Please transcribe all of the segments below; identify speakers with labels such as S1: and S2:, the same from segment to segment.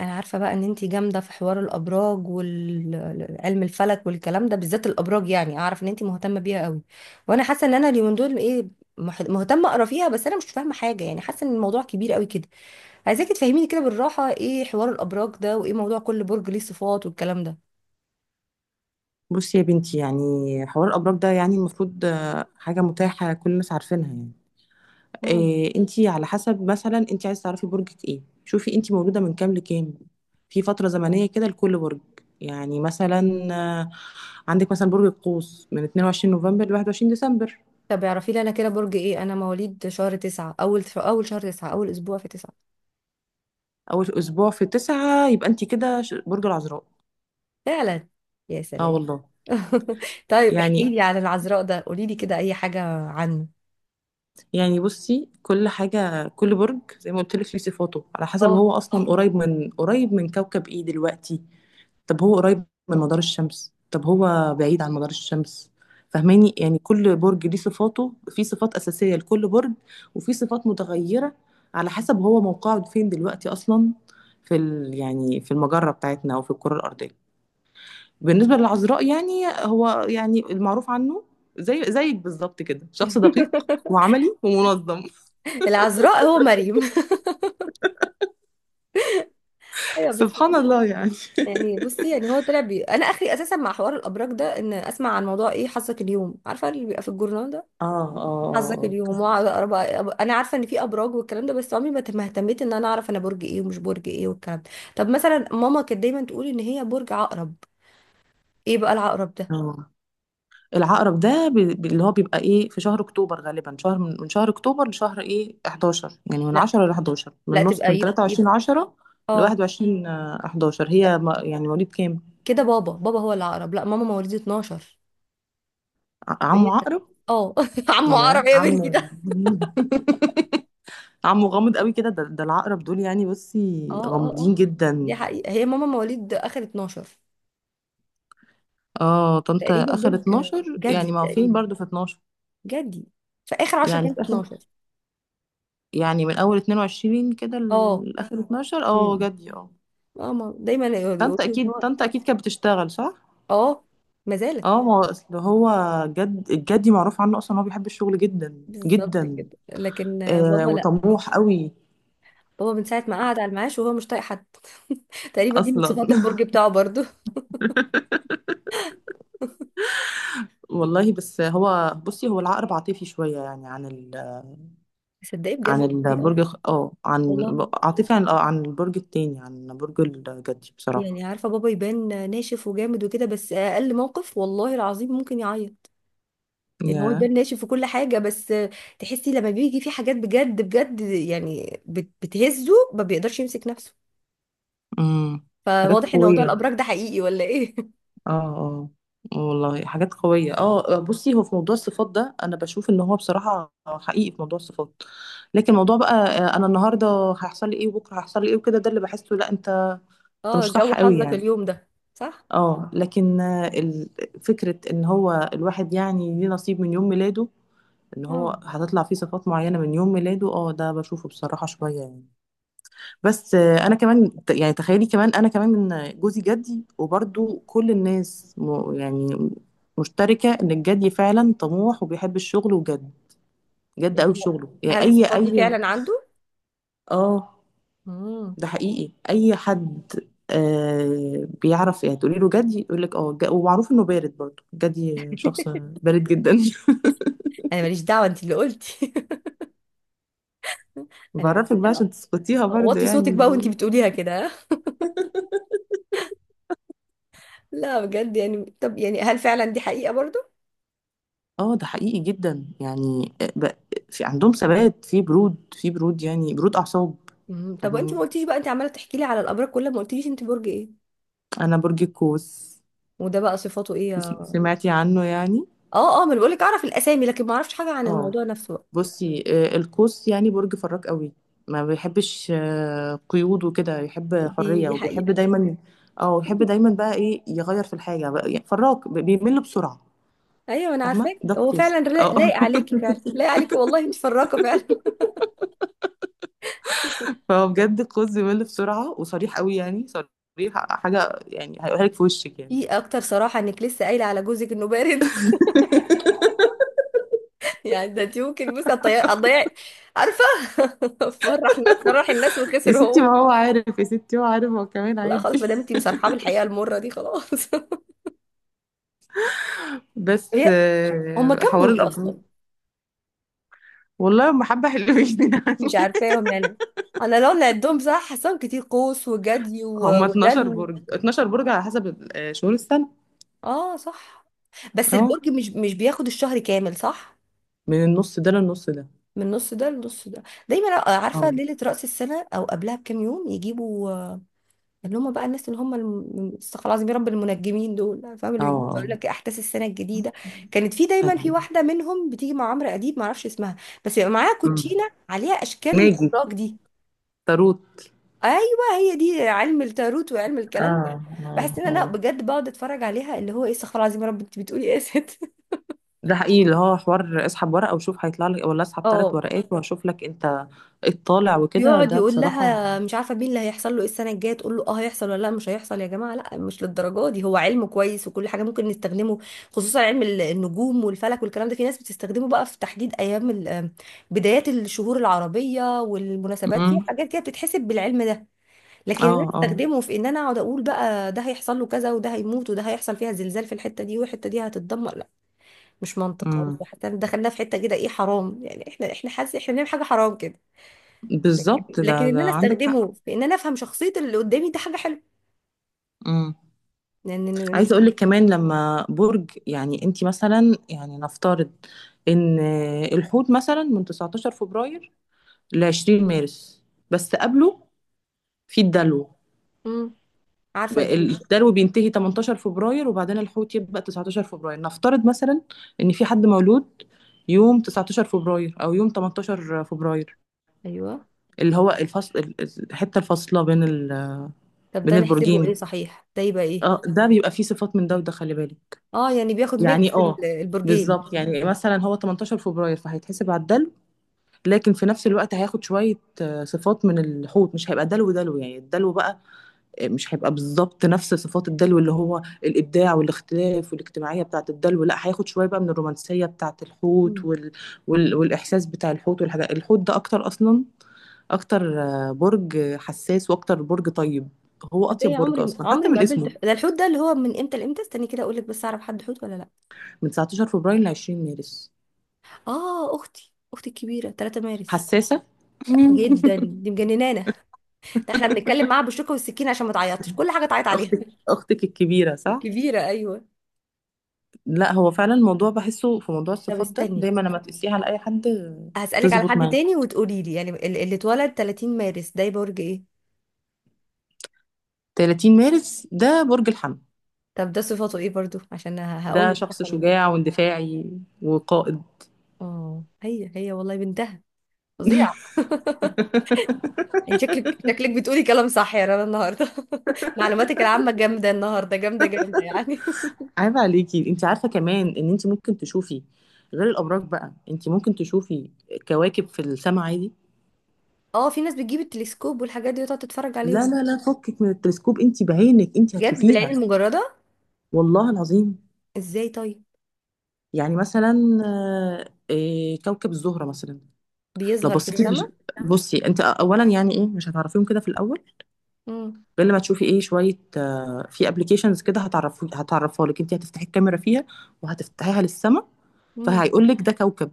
S1: انا عارفه بقى ان انتي جامده في حوار الابراج وعلم الفلك والكلام ده، بالذات الابراج، يعني اعرف ان انتي مهتمه بيها قوي. وانا حاسه ان انا اليومين دول ايه، مهتمه اقرا فيها. بس انا مش فاهمه حاجه، يعني حاسه ان الموضوع كبير قوي كده. عايزاكي تفهميني كده بالراحه، ايه حوار الابراج ده، وايه موضوع كل برج ليه صفات والكلام ده.
S2: بصي يا بنتي، يعني حوار الأبراج ده يعني المفروض حاجة متاحة كل الناس عارفينها يعني.
S1: مم.
S2: إيه؟ انتي على حسب، مثلا انتي عايزة تعرفي برجك ايه، شوفي انتي مولودة من كام لكام. في فترة زمنية كده لكل برج، يعني مثلا آه، عندك مثلا برج القوس من 22 نوفمبر ل 21 ديسمبر.
S1: طب اعرفي لي انا كده برج ايه؟ انا مواليد شهر تسعة، اول شهر تسعة، اول اسبوع في تسعة.
S2: أول أسبوع في تسعة يبقى انتي كده برج العذراء.
S1: فعلا. يا
S2: اه
S1: سلام.
S2: والله.
S1: طيب احكي
S2: يعني
S1: لي عن العذراء ده، قولي لي كده اي حاجه عنه.
S2: يعني بصي كل حاجة كل برج زي ما قلت لك ليه صفاته على حسب هو أصلا قريب من كوكب ايه دلوقتي. طب هو قريب من مدار الشمس؟ طب هو بعيد عن مدار الشمس؟ فهماني، يعني كل برج ليه صفاته، في صفات أساسية لكل برج وفي صفات متغيرة على حسب هو موقعه فين دلوقتي أصلا في ال يعني في المجرة بتاعتنا أو في الكرة الأرضية. بالنسبة للعذراء يعني، هو يعني المعروف عنه زي زيك بالظبط كده، شخص دقيق وعملي ومنظم.
S1: العذراء هو مريم. ايوه، بس
S2: سبحان
S1: والله.
S2: الله يعني.
S1: يعني بصي، يعني هو انا اخري اساسا مع حوار الابراج ده ان اسمع عن موضوع ايه حظك اليوم، عارفه اللي بيبقى في الجورنال ده،
S2: اه
S1: حظك
S2: اه
S1: اليوم
S2: اه.
S1: واقعد انا عارفه ان في ابراج والكلام ده، بس عمري ما اهتميت ان انا اعرف انا برج ايه ومش برج ايه والكلام ده. طب مثلا، ماما كانت دايما تقول ان هي برج عقرب. ايه بقى العقرب ده؟
S2: آه. العقرب ده اللي هو بيبقى ايه في شهر اكتوبر غالبا، شهر من شهر اكتوبر لشهر ايه 11، يعني من
S1: لا،
S2: 10 ل 11، من
S1: لا
S2: نص،
S1: تبقى،
S2: من
S1: يبقى
S2: 23
S1: يبقى
S2: 10 ل
S1: اه.
S2: 21 11.
S1: لا
S2: هي يعني مواليد كام؟
S1: كده بابا هو العقرب، لا، ماما مواليد 12، وهي
S2: عمو
S1: كانت-
S2: عقرب.
S1: اه. عمو عقرب
S2: يا
S1: ايه يا
S2: عمو.
S1: بنتي؟
S2: عمو غامض قوي كده، ده العقرب دول يعني بصي
S1: اه، اه، اه.
S2: غامضين
S1: دي
S2: جدا.
S1: حقيقة، هي ماما مواليد اخر 12.
S2: اه طنطا
S1: تقريبا
S2: اخر
S1: برج
S2: 12
S1: جدي،
S2: يعني ما هو فين
S1: تقريبا
S2: برضو في 12.
S1: جدي، في اخر 10
S2: يعني
S1: ايام
S2: في
S1: في
S2: اخر،
S1: 12.
S2: يعني من اول 22 كده
S1: اه،
S2: لاخر 12. اه
S1: امم
S2: جدي اه.
S1: اه، دايما يقولوا
S2: طنطا
S1: ان
S2: اكيد،
S1: هو.
S2: طنطا اكيد كانت بتشتغل صح.
S1: اه، ما زالت.
S2: اه ما هو اصل هو جد، الجدي معروف عنه اصلا إن هو بيحب الشغل جدا
S1: بالظبط
S2: جدا.
S1: كده، لكن
S2: آه
S1: بابا لا.
S2: وطموح قوي.
S1: بابا من ساعة ما قعد على المعاش وهو مش طايق حد. تقريبا دي من
S2: اصلا.
S1: صفات البرج بتاعه برضو.
S2: والله. بس هو بصي، هو العقرب عاطفي شويه، يعني عن
S1: تصدقي بجد
S2: عن
S1: والله، اه
S2: البرج اه، عن،
S1: والله.
S2: عاطفي عن اه عن البرج التاني، عن برج الجدي بصراحه.
S1: يعني عارفة، بابا يبان ناشف وجامد وكده، بس اقل موقف والله العظيم ممكن يعيط. يعني هو البان
S2: ياه.
S1: ناشف في كل حاجة، بس تحسي لما بيجي في حاجات بجد بجد، يعني بتهزه، ما بيقدرش يمسك نفسه.
S2: امم. حاجات
S1: فواضح ان موضوع
S2: قويه.
S1: الابراج ده حقيقي ولا ايه؟
S2: اه اه. آه والله حاجات قوية. اه بصي هو في موضوع الصفات ده انا بشوف ان هو بصراحة حقيقي في موضوع الصفات. لكن موضوع بقى انا النهاردة هيحصل لي ايه وبكرة هيحصل لي ايه وكده، ده اللي بحسه لا. انت انت
S1: اه،
S2: مش
S1: جو
S2: صح قوي
S1: حظك
S2: يعني.
S1: اليوم ده. صح.
S2: اه لكن فكرة ان هو الواحد يعني ليه نصيب من يوم ميلاده، ان
S1: اه.
S2: هو هتطلع فيه صفات معينة من يوم ميلاده، اه ده بشوفه بصراحة شوية يعني. بس انا كمان يعني تخيلي كمان انا كمان من جوزي جدي وبرضو كل الناس يعني مشتركة ان الجدي فعلا طموح وبيحب الشغل وجد، جد
S1: يعني
S2: قوي شغله، يعني
S1: هل
S2: اي
S1: الصفات دي
S2: اي.
S1: فعلا عنده؟
S2: اه
S1: امم.
S2: ده حقيقي اي حد آه بيعرف. يعني تقولي له جدي يقول لك اه ومعروف انه بارد برضو، جدي شخص بارد جدا.
S1: انا ماليش دعوة، انت اللي قلتي. انا ماليش
S2: بعرفك بقى
S1: دعوة.
S2: عشان تسقطيها برضو
S1: وطي صوتك
S2: يعني.
S1: بقى وانت بتقوليها كده. ها؟ لا بجد يعني، طب يعني هل فعلا دي حقيقة برضو؟
S2: اه ده حقيقي جدا يعني في عندهم ثبات، في برود يعني برود اعصاب.
S1: مم. طب انت
S2: فاهماني،
S1: ما قلتيش بقى، انت عمالة تحكي لي على الابراج كلها ما قلتيش انت برج ايه.
S2: انا برج القوس.
S1: وده بقى صفاته ايه؟
S2: سمعتي عنه يعني؟
S1: اه، اه. ما انا بقولك اعرف الاسامي، لكن ما اعرفش حاجه عن
S2: اه
S1: الموضوع نفسه بقى.
S2: بصي القوس يعني برج فراك قوي، ما بيحبش قيود وكده، يحب
S1: دي
S2: حرية
S1: دي
S2: وبيحب
S1: حقيقه.
S2: دايما. اه يحب دايما بقى ايه، يغير في الحاجة بقى، يعني فراك بيمل بسرعة.
S1: ايوه، انا
S2: فاهمة
S1: عارفاك،
S2: ده
S1: هو
S2: القوس.
S1: فعلا
S2: اه.
S1: لايق عليكي، فعلا لايق عليكي، والله انت فراقه فعلا.
S2: فهو بجد القوس بيمل بسرعة وصريح قوي، يعني صريح، حاجة يعني هيقولها لك في وشك يعني.
S1: في اكتر صراحه انك لسه قايله على جوزك انه بارد؟ يعني ده انت ممكن، بصي، هتضيعي هتضيعي، عارفه. فرح الناس، فرح الناس،
S2: يا
S1: وخسر
S2: ستي
S1: هو.
S2: ما هو عارف يا ستي، هو عارف، هو كمان
S1: لا خلاص، ما
S2: عادي.
S1: دام انت مصرحه بالحقيقه المره دي، خلاص.
S2: بس
S1: هي، هما كام
S2: حوار
S1: برج
S2: الابراج.
S1: اصلا؟
S2: والله هم حبه حلوين. يعني
S1: مش عارفاهم يعني. انا لو نعدهم صح حاساهم كتير، قوس وجدي
S2: هم 12
S1: ودلو.
S2: برج، 12 برج على حسب شهور السنه.
S1: اه صح. بس
S2: اه.
S1: البرج مش بياخد الشهر كامل، صح؟
S2: من النص ده للنص ده.
S1: من نص ده لنص ده. دايما عارفه
S2: اه
S1: ليله راس السنه او قبلها بكام يوم يجيبوا، اللي هم بقى الناس، اللي هم استغفر الله العظيم يا رب، المنجمين دول، فاهم،
S2: اه
S1: اللي بيجيبوا يقول
S2: اه.
S1: لك احداث السنه الجديده. كانت في دايما في
S2: ايوه.
S1: واحده منهم بتيجي مع عمرو اديب، ما اعرفش اسمها. بس بيبقى معاها
S2: أمم.
S1: كوتشينه عليها اشكال
S2: ماجي.
S1: الابراج دي.
S2: تاروت.
S1: ايوه، هي دي علم التاروت وعلم
S2: اه
S1: الكلام ده. بحس
S2: اه
S1: ان انا
S2: اه.
S1: بجد بقعد اتفرج عليها، اللي هو ايه؟ استغفر الله العظيم يا رب، انت بتقولي ايه يا ست؟
S2: ده حقيقي، اللي هو حوار اسحب ورقه وشوف هيطلع لك، ولا اسحب ثلاث ورقات واشوف لك انت ايه الطالع وكده،
S1: بيقعد
S2: ده
S1: يقول
S2: بصراحه.
S1: لها مش عارفه مين، اللي هيحصل له ايه السنه الجايه، تقول له اه هيحصل، ولا لا مش هيحصل. يا جماعه لا، مش للدرجه دي. هو علم كويس وكل حاجه ممكن نستخدمه، خصوصا علم النجوم والفلك والكلام ده. في ناس بتستخدمه بقى في تحديد ايام بدايات الشهور العربيه والمناسبات، في
S2: امم.
S1: حاجات كده بتتحسب بالعلم ده. لكن
S2: اه
S1: انا
S2: اه.
S1: استخدمه في ان انا اقعد اقول بقى ده هيحصل له كذا، وده هيموت، وده هيحصل فيها زلزال في الحته دي، والحته دي هتتدمر؟ لا. مش منطق خالص،
S2: امم
S1: وحتى دخلنا في حته كده ايه، حرام يعني، احنا حاسس احنا بنعمل حاجه حرام كده.
S2: بالظبط.
S1: لكن ان
S2: ده
S1: انا
S2: عندك.
S1: استخدمه في ان انا افهم شخصية اللي قدامي، ده حاجة حلوة.
S2: امم.
S1: لان لأن-
S2: عايزه اقول لك كمان، لما برج يعني انت مثلا يعني نفترض ان الحوت مثلا من 19 فبراير ل 20 مارس. بس قبله في الدلو
S1: امم. عارفة
S2: بقى.
S1: الدعم ده.
S2: الدلو بينتهي 18 فبراير وبعدين الحوت يبقى 19 فبراير. نفترض مثلا ان في حد مولود يوم 19 فبراير او يوم 18 فبراير،
S1: ايوه.
S2: اللي هو الفصل، الحته الفاصله
S1: طب ده
S2: بين
S1: نحسبه ايه
S2: البرجين.
S1: صحيح؟ ده يبقى ايه؟
S2: اه ده بيبقى فيه صفات من ده وده، خلي بالك.
S1: اه، يعني بياخد
S2: يعني
S1: ميكس
S2: اه
S1: البرجين.
S2: بالظبط، يعني مثلا هو 18 فبراير فهيتحسب على الدلو، لكن في نفس الوقت هياخد شوية صفات من الحوت، مش هيبقى دلو دلو يعني، الدلو بقى مش هيبقى بالظبط نفس صفات الدلو اللي هو الإبداع والاختلاف والاجتماعية بتاعة الدلو. لا هياخد شوية بقى من الرومانسية بتاعة الحوت
S1: امم.
S2: والإحساس بتاع الحوت والحاجات. الحوت ده أكتر أصلا، أكتر برج حساس وأكتر برج طيب، هو أطيب
S1: ازاي؟
S2: برج أصلا
S1: عمري
S2: حتى
S1: ما
S2: من
S1: قابلت
S2: اسمه.
S1: ده. الحوت ده اللي هو من امتى لامتى؟ استني كده اقول لك، بس اعرف حد حوت ولا لا.
S2: من 19 فبراير ل 20 مارس.
S1: اه، اختي الكبيرة 3 مارس.
S2: حساسة.
S1: جدا، دي مجننانا. ده احنا بنتكلم معاها بالشوكة والسكينة عشان ما تعيطش، كل حاجة تعيط عليها.
S2: اختك، اختك الكبيره صح.
S1: الكبيرة، ايوه.
S2: لا هو فعلا الموضوع بحسه في موضوع
S1: طب
S2: الصفات ده
S1: استني،
S2: دايما لما تقسيه على اي حد
S1: هسألك على
S2: تظبط
S1: حد
S2: معاه.
S1: تاني وتقولي لي، يعني اللي اتولد 30 مارس ده برج ايه؟
S2: 30 مارس ده برج الحمل.
S1: طب ده صفاته ايه برضو، عشان هقول
S2: ده
S1: لك صح
S2: شخص
S1: ولا غلط.
S2: شجاع واندفاعي وقائد.
S1: اه، هي والله بنتها فظيعة. انت شكلك شكلك بتقولي كلام صح يا رنا النهارده. معلوماتك العامة جامدة النهارده، جامدة جامدة يعني.
S2: عيب عليكي. انت عارفه كمان ان انت ممكن تشوفي غير الابراج بقى، انت ممكن تشوفي كواكب في السماء عادي.
S1: اه، في ناس بتجيب التلسكوب والحاجات دي وتقعد تتفرج
S2: لا
S1: عليهم.
S2: لا لا، فكك من التلسكوب، انت بعينك انت
S1: بجد؟ بالعين
S2: هتشوفيها.
S1: المجردة؟
S2: والله العظيم.
S1: ازاي طيب؟
S2: يعني مثلا كوكب الزهره مثلا، لو
S1: بيظهر في
S2: بصيتي في،
S1: السماء؟
S2: بصي انت اولا يعني ايه، مش هتعرفيهم كده في الاول
S1: امم.
S2: غير لما تشوفي ايه شويه في ابلكيشنز كده هتعرفوا، هتعرفها لك، انت هتفتحي الكاميرا فيها وهتفتحيها للسما
S1: امم.
S2: فهيقول لك ده كوكب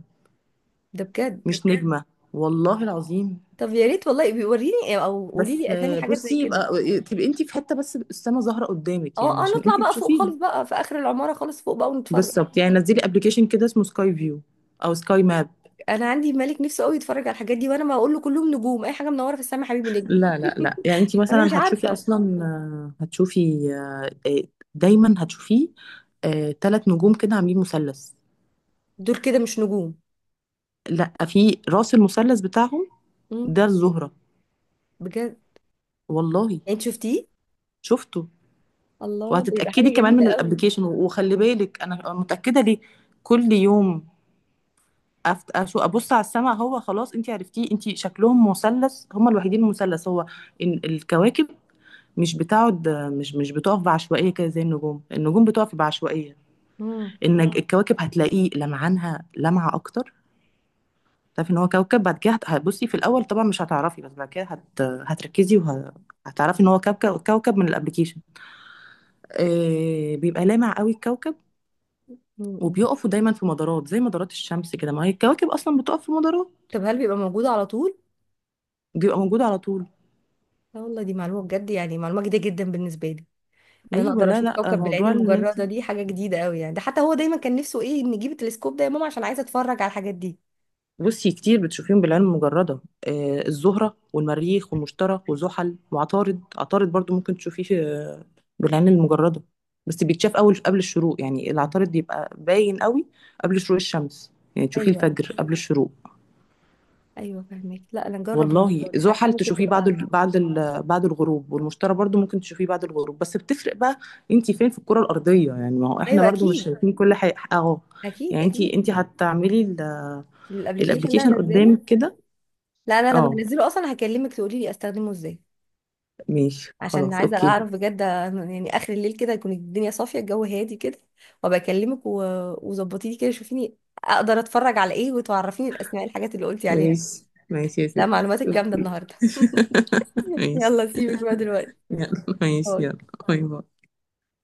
S1: ده بجد؟
S2: مش نجمه. والله العظيم.
S1: طب يا ريت والله بيوريني، او قولي
S2: بس
S1: لي اسامي حاجات زي
S2: بصي
S1: كده.
S2: يبقى تبقي انت في حته بس السما ظاهره قدامك يعني
S1: اه، اه.
S2: عشان
S1: نطلع
S2: انت
S1: بقى فوق
S2: تشوفيها.
S1: خالص بقى، في اخر العماره خالص فوق بقى ونتفرج.
S2: بالظبط، يعني نزلي ابلكيشن كده اسمه سكاي فيو او سكاي ماب.
S1: انا عندي ملك نفسه قوي يتفرج على الحاجات دي، وانا ما اقول له كلهم نجوم، اي حاجه منوره في السماء حبيبي نجم.
S2: لا لا لا يعني انت
S1: انا مش
S2: مثلا هتشوفي
S1: عارفه.
S2: اصلا آه، هتشوفي آه، آه، دايما هتشوفيه ثلاث نجوم كده عاملين مثلث.
S1: دول كده مش نجوم؟
S2: لا في راس المثلث بتاعهم
S1: امم.
S2: ده الزهرة.
S1: بجد؟
S2: والله.
S1: يعني انت شفتيه؟
S2: شفته.
S1: الله، ده يبقى حاجه
S2: وهتتأكدي كمان من
S1: جميله قوي.
S2: الابليكيشن. وخلي بالك انا متأكدة ليه، كل يوم ابص على السماء. هو خلاص انت عرفتيه، انت شكلهم مثلث، هم الوحيدين المثلث. هو إن الكواكب مش بتقعد، مش بتقف بعشوائية كده زي النجوم، النجوم بتقف بعشوائية.
S1: امم.
S2: ان الكواكب هتلاقيه لمعانها لمعة اكتر، تعرفي ان هو كوكب. بعد كده هتبصي في الاول طبعا مش هتعرفي، بس بعد كده هتركزي وهتعرفي ان هو كوكب، كوكب من الابليكيشن. بيبقى لامع قوي الكوكب.
S1: أمم.
S2: وبيقفوا دايما في مدارات زي مدارات الشمس كده، ما هي الكواكب اصلا بتقف في مدارات.
S1: طب هل بيبقى موجود على طول؟
S2: بيبقى موجود على طول.
S1: لا والله، دي معلومه بجد، يعني معلومه جديده جدا بالنسبه لي. ان انا
S2: ايوه
S1: اقدر
S2: لا
S1: اشوف
S2: لا،
S1: كوكب بالعين
S2: موضوع ان انت
S1: المجرده، دي حاجه جديده قوي. يعني ده حتى هو دايما كان نفسه ايه، نجيب التلسكوب ده يا ماما عشان عايزه اتفرج على الحاجات دي.
S2: بصي كتير بتشوفيهم بالعين المجردة. الزهرة والمريخ والمشتري وزحل وعطارد. عطارد برضو ممكن تشوفيه بالعين المجردة. بس بيتشاف أول قبل الشروق، يعني العطارد بيبقى باين قوي قبل شروق الشمس، يعني تشوفيه
S1: ايوه،
S2: الفجر قبل الشروق.
S1: ايوه فاهمك. لا انا نجرب
S2: والله
S1: الموضوع ده، حاسه
S2: زحل
S1: ممكن
S2: تشوفيه
S1: تبقى.
S2: بعد الغروب. والمشتري برضو ممكن تشوفيه بعد الغروب، بس بتفرق بقى انتي فين في الكرة الأرضية، يعني ما هو احنا
S1: ايوه،
S2: برضو مش
S1: اكيد،
S2: شايفين كل حاجة اهو.
S1: اكيد،
S2: يعني انتي،
S1: اكيد.
S2: هتعملي
S1: الابلكيشن ده
S2: الابلكيشن
S1: هنزله.
S2: قدامك كده.
S1: لا، انا لما
S2: اه
S1: هنزله اصلا هكلمك تقولي لي استخدمه ازاي.
S2: ماشي
S1: عشان
S2: خلاص
S1: عايزه
S2: اوكي.
S1: اعرف بجد، يعني اخر الليل كده يكون الدنيا صافيه الجو هادي كده، وابقى اكلمك وظبطي لي كده شوفيني، اقدر اتفرج على ايه، وتعرفيني الاسماء الحاجات اللي قلتي عليها.
S2: ماشي ماشي يا
S1: لا،
S2: ستي.
S1: معلوماتك جامده النهارده.
S2: ماشي.
S1: يلا سيبك بقى دلوقتي.
S2: يلا ماشي، يلا
S1: باي.
S2: باي باي.